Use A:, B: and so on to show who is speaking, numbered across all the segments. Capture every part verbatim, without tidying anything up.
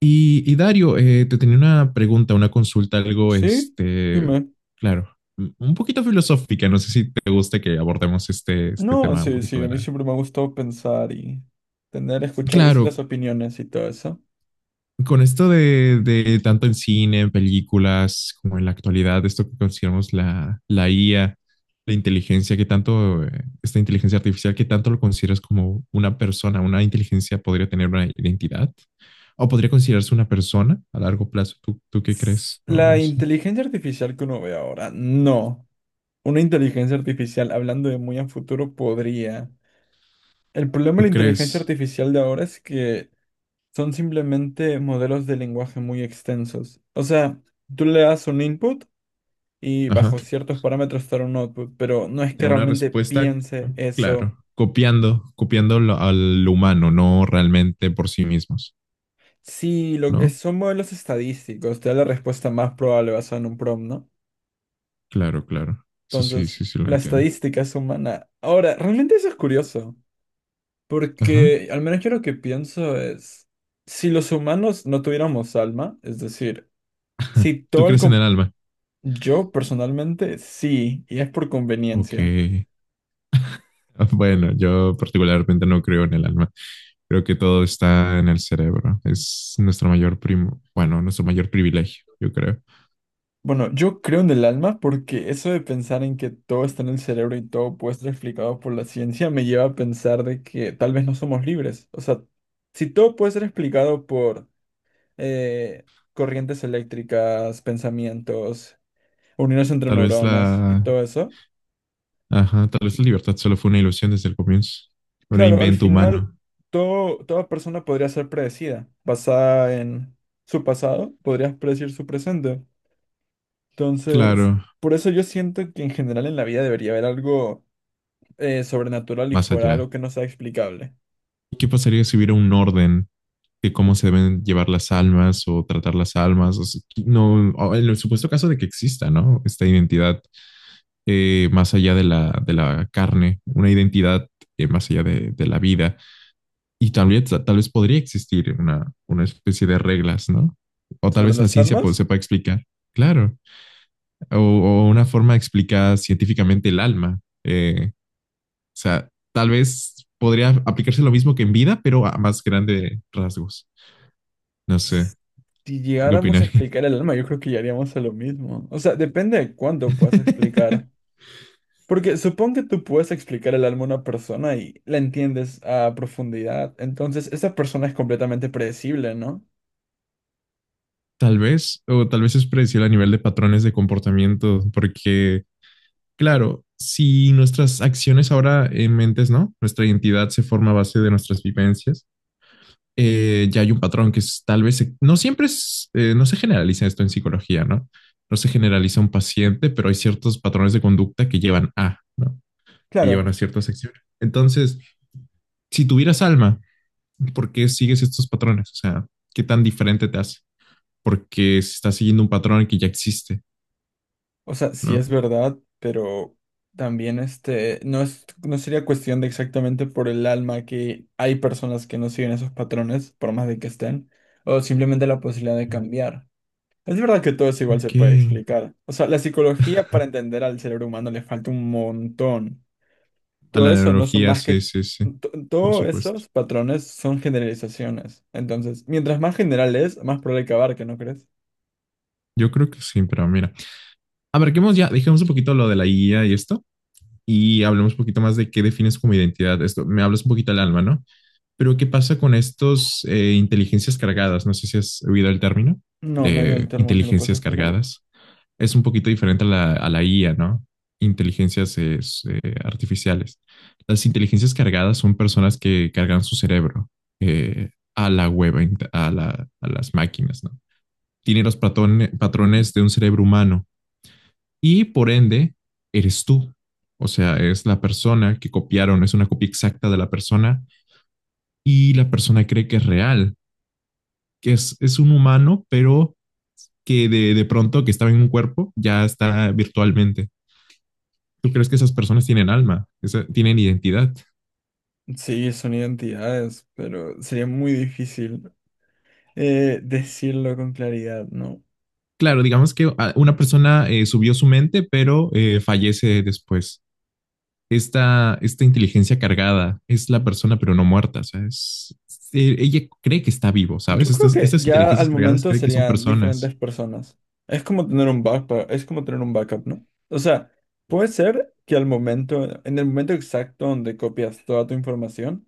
A: Y, y Dario, eh, te tenía una pregunta, una consulta, algo,
B: Sí,
A: este,
B: dime.
A: claro, un poquito filosófica. No sé si te gusta que abordemos este, este
B: No,
A: tema un
B: sí,
A: poquito
B: sí, a
A: de
B: mí
A: la...
B: siempre me ha gustado pensar y tener, escuchar
A: Claro,
B: distintas opiniones y todo eso.
A: con esto de, de tanto en cine, en películas, como en la actualidad, esto que consideramos la, la I A, la inteligencia, que tanto, eh, esta inteligencia artificial, ¿qué tanto lo consideras como una persona, una inteligencia podría tener una identidad? ¿O podría considerarse una persona a largo plazo? ¿Tú, tú qué
B: S-
A: crees? No,
B: La
A: no sé.
B: inteligencia artificial que uno ve ahora, no. Una inteligencia artificial, hablando de muy a futuro, podría. El problema de la
A: ¿Tú
B: inteligencia
A: crees?
B: artificial de ahora es que son simplemente modelos de lenguaje muy extensos. O sea, tú le das un input y
A: Ajá.
B: bajo ciertos parámetros te da un output, pero no es
A: Ya
B: que
A: una
B: realmente
A: respuesta,
B: piense eso.
A: claro, copiando, copiando lo- al humano, no realmente por sí mismos,
B: Sí, lo, es-
A: ¿no?
B: son modelos estadísticos, te da la respuesta más probable basada en un prom, ¿no?
A: Claro, claro. Eso sí,
B: Entonces,
A: sí, sí lo
B: la
A: entiendo.
B: estadística es humana. Ahora, realmente eso es curioso,
A: Ajá.
B: porque al menos yo lo que pienso es, si los humanos no tuviéramos alma, es decir, si
A: ¿Tú
B: todo el...
A: crees en el
B: com-
A: alma?
B: Yo personalmente sí, y es por
A: Ok.
B: conveniencia.
A: Ah, bueno, yo particularmente no creo en el alma. Creo que todo está en el cerebro. Es nuestro mayor primo, bueno, nuestro mayor privilegio, yo creo.
B: Bueno, yo creo en el alma porque eso de pensar en que todo está en el cerebro y todo puede estar explicado por la ciencia me lleva a pensar de que tal vez no somos libres. O sea, si todo puede ser explicado por eh, corrientes eléctricas, pensamientos, uniones entre
A: Tal vez
B: neuronas y
A: la,
B: todo eso,
A: ajá, tal vez la libertad solo fue una ilusión desde el comienzo, un
B: claro, al
A: invento
B: final
A: humano.
B: todo, toda persona podría ser predecida, basada en su pasado, podrías predecir su presente. Entonces,
A: Claro,
B: por eso yo siento que en general en la vida debería haber algo eh, sobrenatural y
A: más
B: fuera
A: allá.
B: algo que no sea explicable.
A: ¿Qué pasaría si hubiera un orden de cómo se deben llevar las almas o tratar las almas? O sea, qui- no, o en el supuesto caso de que exista, ¿no? Esta identidad eh, más allá de la, de la carne, una identidad eh, más allá de, de la vida. Y tal vez, tal vez podría existir una, una especie de reglas, ¿no? O tal
B: Sobre
A: vez la
B: las
A: ciencia pues,
B: almas,
A: sepa explicar, claro. O, o una forma explicada científicamente el alma. Eh, o sea, tal vez podría aplicarse lo mismo que en vida, pero a más grandes rasgos. No sé,
B: si
A: ¿tú qué
B: llegáramos a
A: opinas?
B: explicar el alma, yo creo que ya haríamos a lo mismo. O sea, depende de cuánto puedas explicar. Porque supón que tú puedes explicar el alma a una persona y la entiendes a profundidad. Entonces, esa persona es completamente predecible, ¿no?
A: Tal vez, o tal vez es predecible a nivel de patrones de comportamiento, porque, claro, si nuestras acciones ahora en mentes, ¿no? Nuestra identidad se forma a base de nuestras vivencias. Eh, ya hay un patrón que es- tal vez, se- no siempre es, eh, no se generaliza esto en psicología, ¿no? No se generaliza un paciente, pero hay ciertos patrones de conducta que llevan a, ¿no? Que llevan
B: Claro.
A: a ciertas acciones. Entonces, si tuvieras alma, ¿por qué sigues estos patrones? O sea, ¿qué tan diferente te hace? Porque se está siguiendo un patrón que ya existe,
B: O sea, sí
A: ¿no?
B: es verdad, pero también este, no es, no sería cuestión de exactamente por el alma que hay personas que no siguen esos patrones, por más de que estén, o simplemente la posibilidad de cambiar. Es verdad que todo eso igual se
A: Ok.
B: puede explicar. O sea, la psicología para entender al cerebro humano le falta un montón.
A: A
B: Todo
A: la
B: eso no son
A: neurología,
B: más
A: sí,
B: que...
A: sí, sí,
B: to-
A: por
B: Todo
A: supuesto.
B: esos patrones son generalizaciones. Entonces, mientras más general es, más probable que abarque, ¿no crees?
A: Yo creo que sí, pero mira. Abarquemos ya, dejemos un poquito lo de la guía y esto, y hablemos un poquito más de qué defines como identidad. Esto me hablas un poquito al alma, ¿no? Pero ¿qué pasa con estos eh, inteligencias cargadas? No sé si has oído el término
B: No, no veo el
A: de
B: termo, ¿si lo puedes
A: inteligencias
B: explicar?
A: cargadas. Es un poquito diferente a la, a la I A, ¿no? Inteligencias eh, eh, artificiales. Las inteligencias cargadas son personas que cargan su cerebro eh, a la web, a, la, a las máquinas, ¿no? Tiene los patrone- patrones de un cerebro humano y por ende eres tú. O sea, es la persona que copiaron, es una copia exacta de la persona y la persona cree que es real, que es, es un humano, pero que de, de pronto que estaba en un cuerpo ya está virtualmente. ¿Tú crees que esas personas tienen alma, esa, tienen identidad?
B: Sí, son identidades, pero sería muy difícil eh, decirlo con claridad, ¿no?
A: Claro, digamos que ah, una persona eh, subió su mente, pero eh, fallece después. Esta, esta inteligencia cargada es la persona, pero no muerta. O sea, es, eh, ella cree que está vivo, ¿sabes?
B: Yo creo
A: Estas,
B: que
A: estas
B: ya al
A: inteligencias cargadas
B: momento
A: creen que son
B: serían diferentes
A: personas.
B: personas. Es como tener un backup, es como tener un backup, ¿no? O sea, puede ser que al momento, en el momento exacto donde copias toda tu información,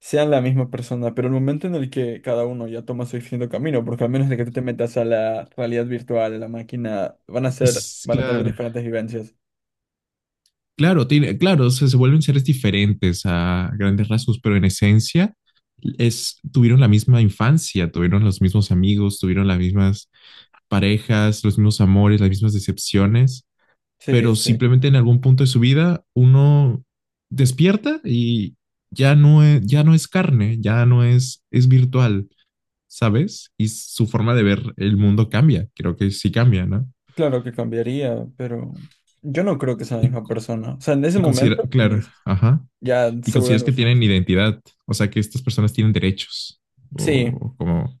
B: sean la misma persona, pero el momento en el que cada uno ya toma su distinto camino, porque al menos de que tú te metas a la realidad virtual, a la máquina, van a ser,
A: Es
B: van a tener
A: claro.
B: diferentes vivencias.
A: Claro, tiene, claro, se, se vuelven seres diferentes a grandes rasgos, pero en esencia es, tuvieron la misma infancia, tuvieron los mismos amigos, tuvieron las mismas parejas, los mismos amores, las mismas decepciones,
B: Sí,
A: pero
B: sí.
A: simplemente en algún punto de su vida uno despierta y ya no es, ya no es carne, ya no es, es virtual, ¿sabes? Y su forma de ver el mundo cambia, creo que sí cambia, ¿no?
B: Claro que cambiaría, pero yo no creo que sea la
A: Y,
B: misma persona. O sea, en ese
A: y considera,
B: momento, como
A: claro,
B: dices,
A: ajá.
B: ya
A: ¿Y
B: se vuelven
A: consideras que
B: personas.
A: tienen identidad? O sea, que estas personas tienen derechos.
B: Sí,
A: O como,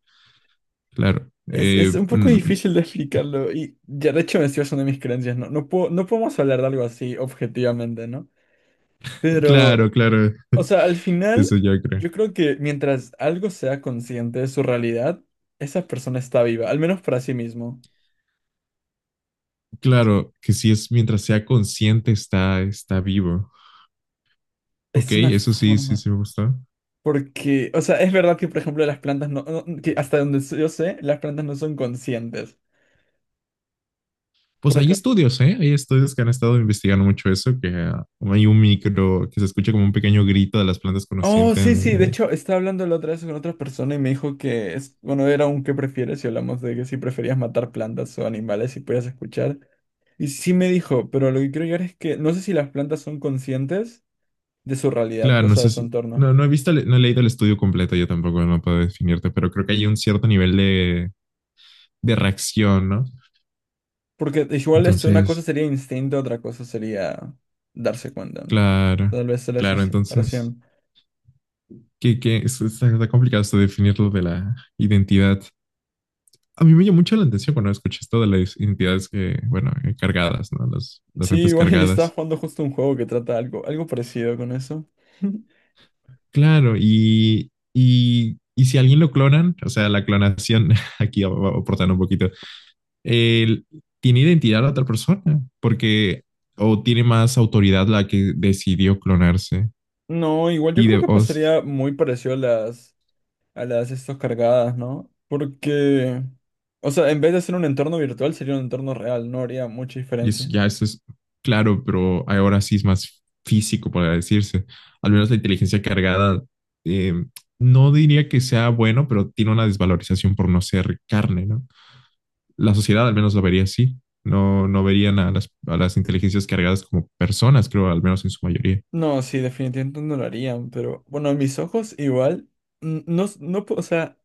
A: claro,
B: Es, es
A: eh,
B: un poco
A: mm,
B: difícil de explicarlo y ya de hecho eso es una de mis creencias, ¿no? No puedo, no podemos hablar de algo así objetivamente, ¿no? Pero,
A: claro, claro,
B: o sea, al
A: eso
B: final
A: yo creo.
B: yo creo que mientras algo sea consciente de su realidad, esa persona está viva, al menos para sí mismo.
A: Claro, que si es mientras sea consciente está, está vivo. Ok,
B: Es una
A: eso sí, sí,
B: forma,
A: sí me gustó.
B: porque, o sea, es verdad que, por ejemplo, las plantas no, no- que hasta donde yo sé, las plantas no son conscientes.
A: Pues hay estudios, ¿eh? Hay estudios que han estado investigando mucho eso, que ah, hay un micro, que se escucha como un pequeño grito de las plantas
B: Oh,
A: conscientes.
B: sí, sí, de
A: De-
B: hecho estaba hablando la otra vez con otra persona y me dijo que, es, bueno, era un qué prefieres y hablamos de que si preferías matar plantas o animales y podías escuchar. Y sí me dijo, pero lo que quiero llegar es que no sé si las plantas son conscientes de su realidad,
A: Claro,
B: o
A: no
B: sea, de
A: sé,
B: su
A: si-
B: entorno.
A: no, no he visto, el- no he leído el estudio completo, yo tampoco no puedo definirte, pero creo que hay un cierto nivel de de reacción, ¿no?
B: Porque igual este, una cosa
A: Entonces,
B: sería instinto, otra cosa sería darse cuenta, ¿no?
A: claro,
B: Tal vez era esa
A: claro, entonces,
B: separación.
A: que, que es- está, está complicado esto de definir lo de la identidad. A mí me llamó mucho la atención cuando escuché esto de las identidades que, bueno, eh, cargadas, ¿no? Las, las mentes
B: Sí, bueno, yo estaba
A: cargadas.
B: jugando justo un juego que trata algo, algo parecido con eso.
A: Claro, y, y, y si alguien lo clonan, o sea, la clonación, aquí a- a- aportando un poquito, el- tiene identidad la otra persona, porque o tiene más autoridad la que decidió clonarse.
B: No, igual yo
A: Y de,
B: creo que
A: o-
B: pasaría muy parecido a las... a las estas cargadas, ¿no? Porque, o sea, en vez de ser un entorno virtual, sería un entorno real, no haría mucha
A: Y eso
B: diferencia.
A: ya, eso es claro, pero ahora sí es más físico, para decirse. Al menos la inteligencia cargada, eh, no diría que sea bueno, pero tiene una desvalorización por no ser carne, ¿no? La sociedad al menos lo vería así. No, no verían a las, a las inteligencias cargadas como personas, creo, al menos en su mayoría.
B: No, sí, definitivamente no lo harían, pero bueno, a mis ojos igual, n- no, s- no, po- o sea,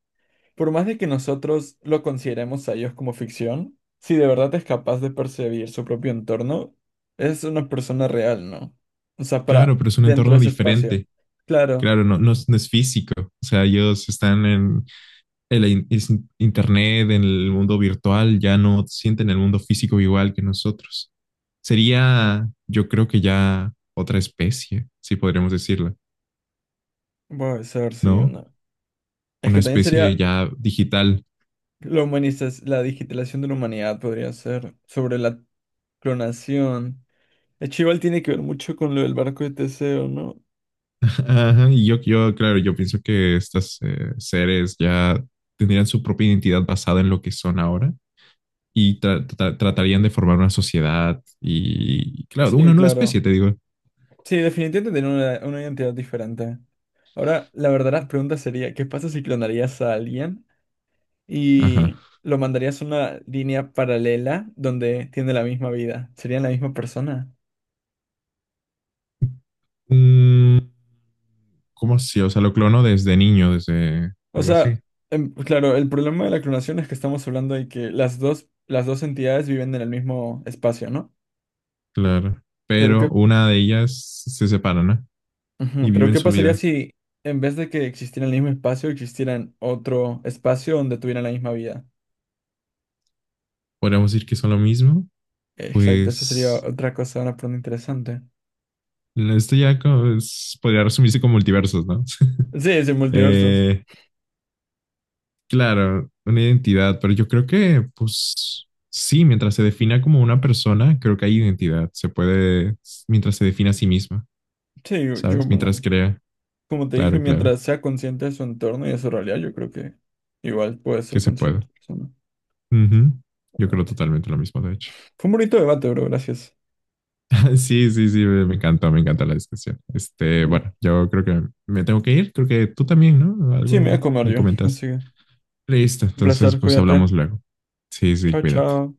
B: por más de que nosotros lo consideremos a ellos como ficción, si de verdad es capaz de percibir su propio entorno, es una persona real, ¿no? O sea,
A: Claro,
B: para
A: pero es un
B: dentro
A: entorno
B: de ese espacio.
A: diferente.
B: Claro,
A: Claro, no, no, es, no es físico. O sea, ellos están en el in- es in- internet, en el mundo virtual, ya no sienten el mundo físico igual que nosotros. Sería, yo creo que ya otra especie, si podríamos decirlo,
B: puede ser, sí,
A: ¿no?
B: una. Es
A: Una
B: que también
A: especie
B: sería
A: ya digital.
B: la humanización, la digitalización de la humanidad podría ser sobre la clonación. El chival tiene que ver mucho con lo del barco de Teseo, ¿no?
A: Ajá, Y yo, yo, claro, yo pienso que estos eh, seres ya tendrían su propia identidad basada en lo que son ahora y tra- tra- tratarían de formar una sociedad y, claro, una
B: Sí,
A: nueva especie,
B: claro.
A: te digo.
B: Sí, definitivamente tener una, una identidad diferente. Ahora, la verdadera pregunta sería, ¿qué pasa si clonarías a alguien
A: Ajá.
B: y lo mandarías a una línea paralela donde tiene la misma vida? ¿Serían la misma persona?
A: Mm, ¿cómo así? O sea, lo clono desde niño, desde
B: O
A: algo
B: sea,
A: así.
B: em, claro, el problema de la clonación es que estamos hablando de que las dos, las dos entidades viven en el mismo espacio, ¿no?
A: Claro.
B: Pero
A: Pero
B: ¿qué
A: una de ellas se separa, ¿no? Y
B: Ujú. Pero
A: viven
B: ¿qué
A: su
B: pasaría
A: vida.
B: si en vez de que existiera el mismo espacio, existieran otro espacio donde tuvieran la misma vida?
A: Podríamos decir que son lo mismo.
B: Exacto, esa sería
A: Pues
B: otra cosa, una pregunta interesante.
A: esto ya como es- podría resumirse como multiversos, ¿no?
B: Sí, es sí, multiversos.
A: Eh, claro, una identidad, pero yo creo que, pues sí, mientras se defina como una persona, creo que hay identidad. Se puede, mientras se define a sí misma,
B: Sí, yo, yo,
A: ¿sabes? Mientras
B: bueno,
A: crea.
B: como te dije,
A: Claro, claro,
B: mientras sea consciente de su entorno y de su realidad, yo creo que igual puede
A: que
B: ser
A: se puede.
B: consciente. Persona,
A: Ujú. Yo creo
B: realmente.
A: totalmente lo mismo, de hecho.
B: Fue un bonito debate, bro, gracias.
A: Sí, sí, sí, me me encantó, me encanta la discusión. Este, bueno,
B: Bueno,
A: yo creo que me tengo que ir, creo que tú también, ¿no?
B: sí, me voy
A: Algo
B: a comer
A: me
B: yo, así
A: comentas.
B: que
A: Listo,
B: un
A: entonces
B: placer,
A: pues
B: cuídate.
A: hablamos luego. Sí, sí,
B: Chao,
A: cuídate.
B: chao.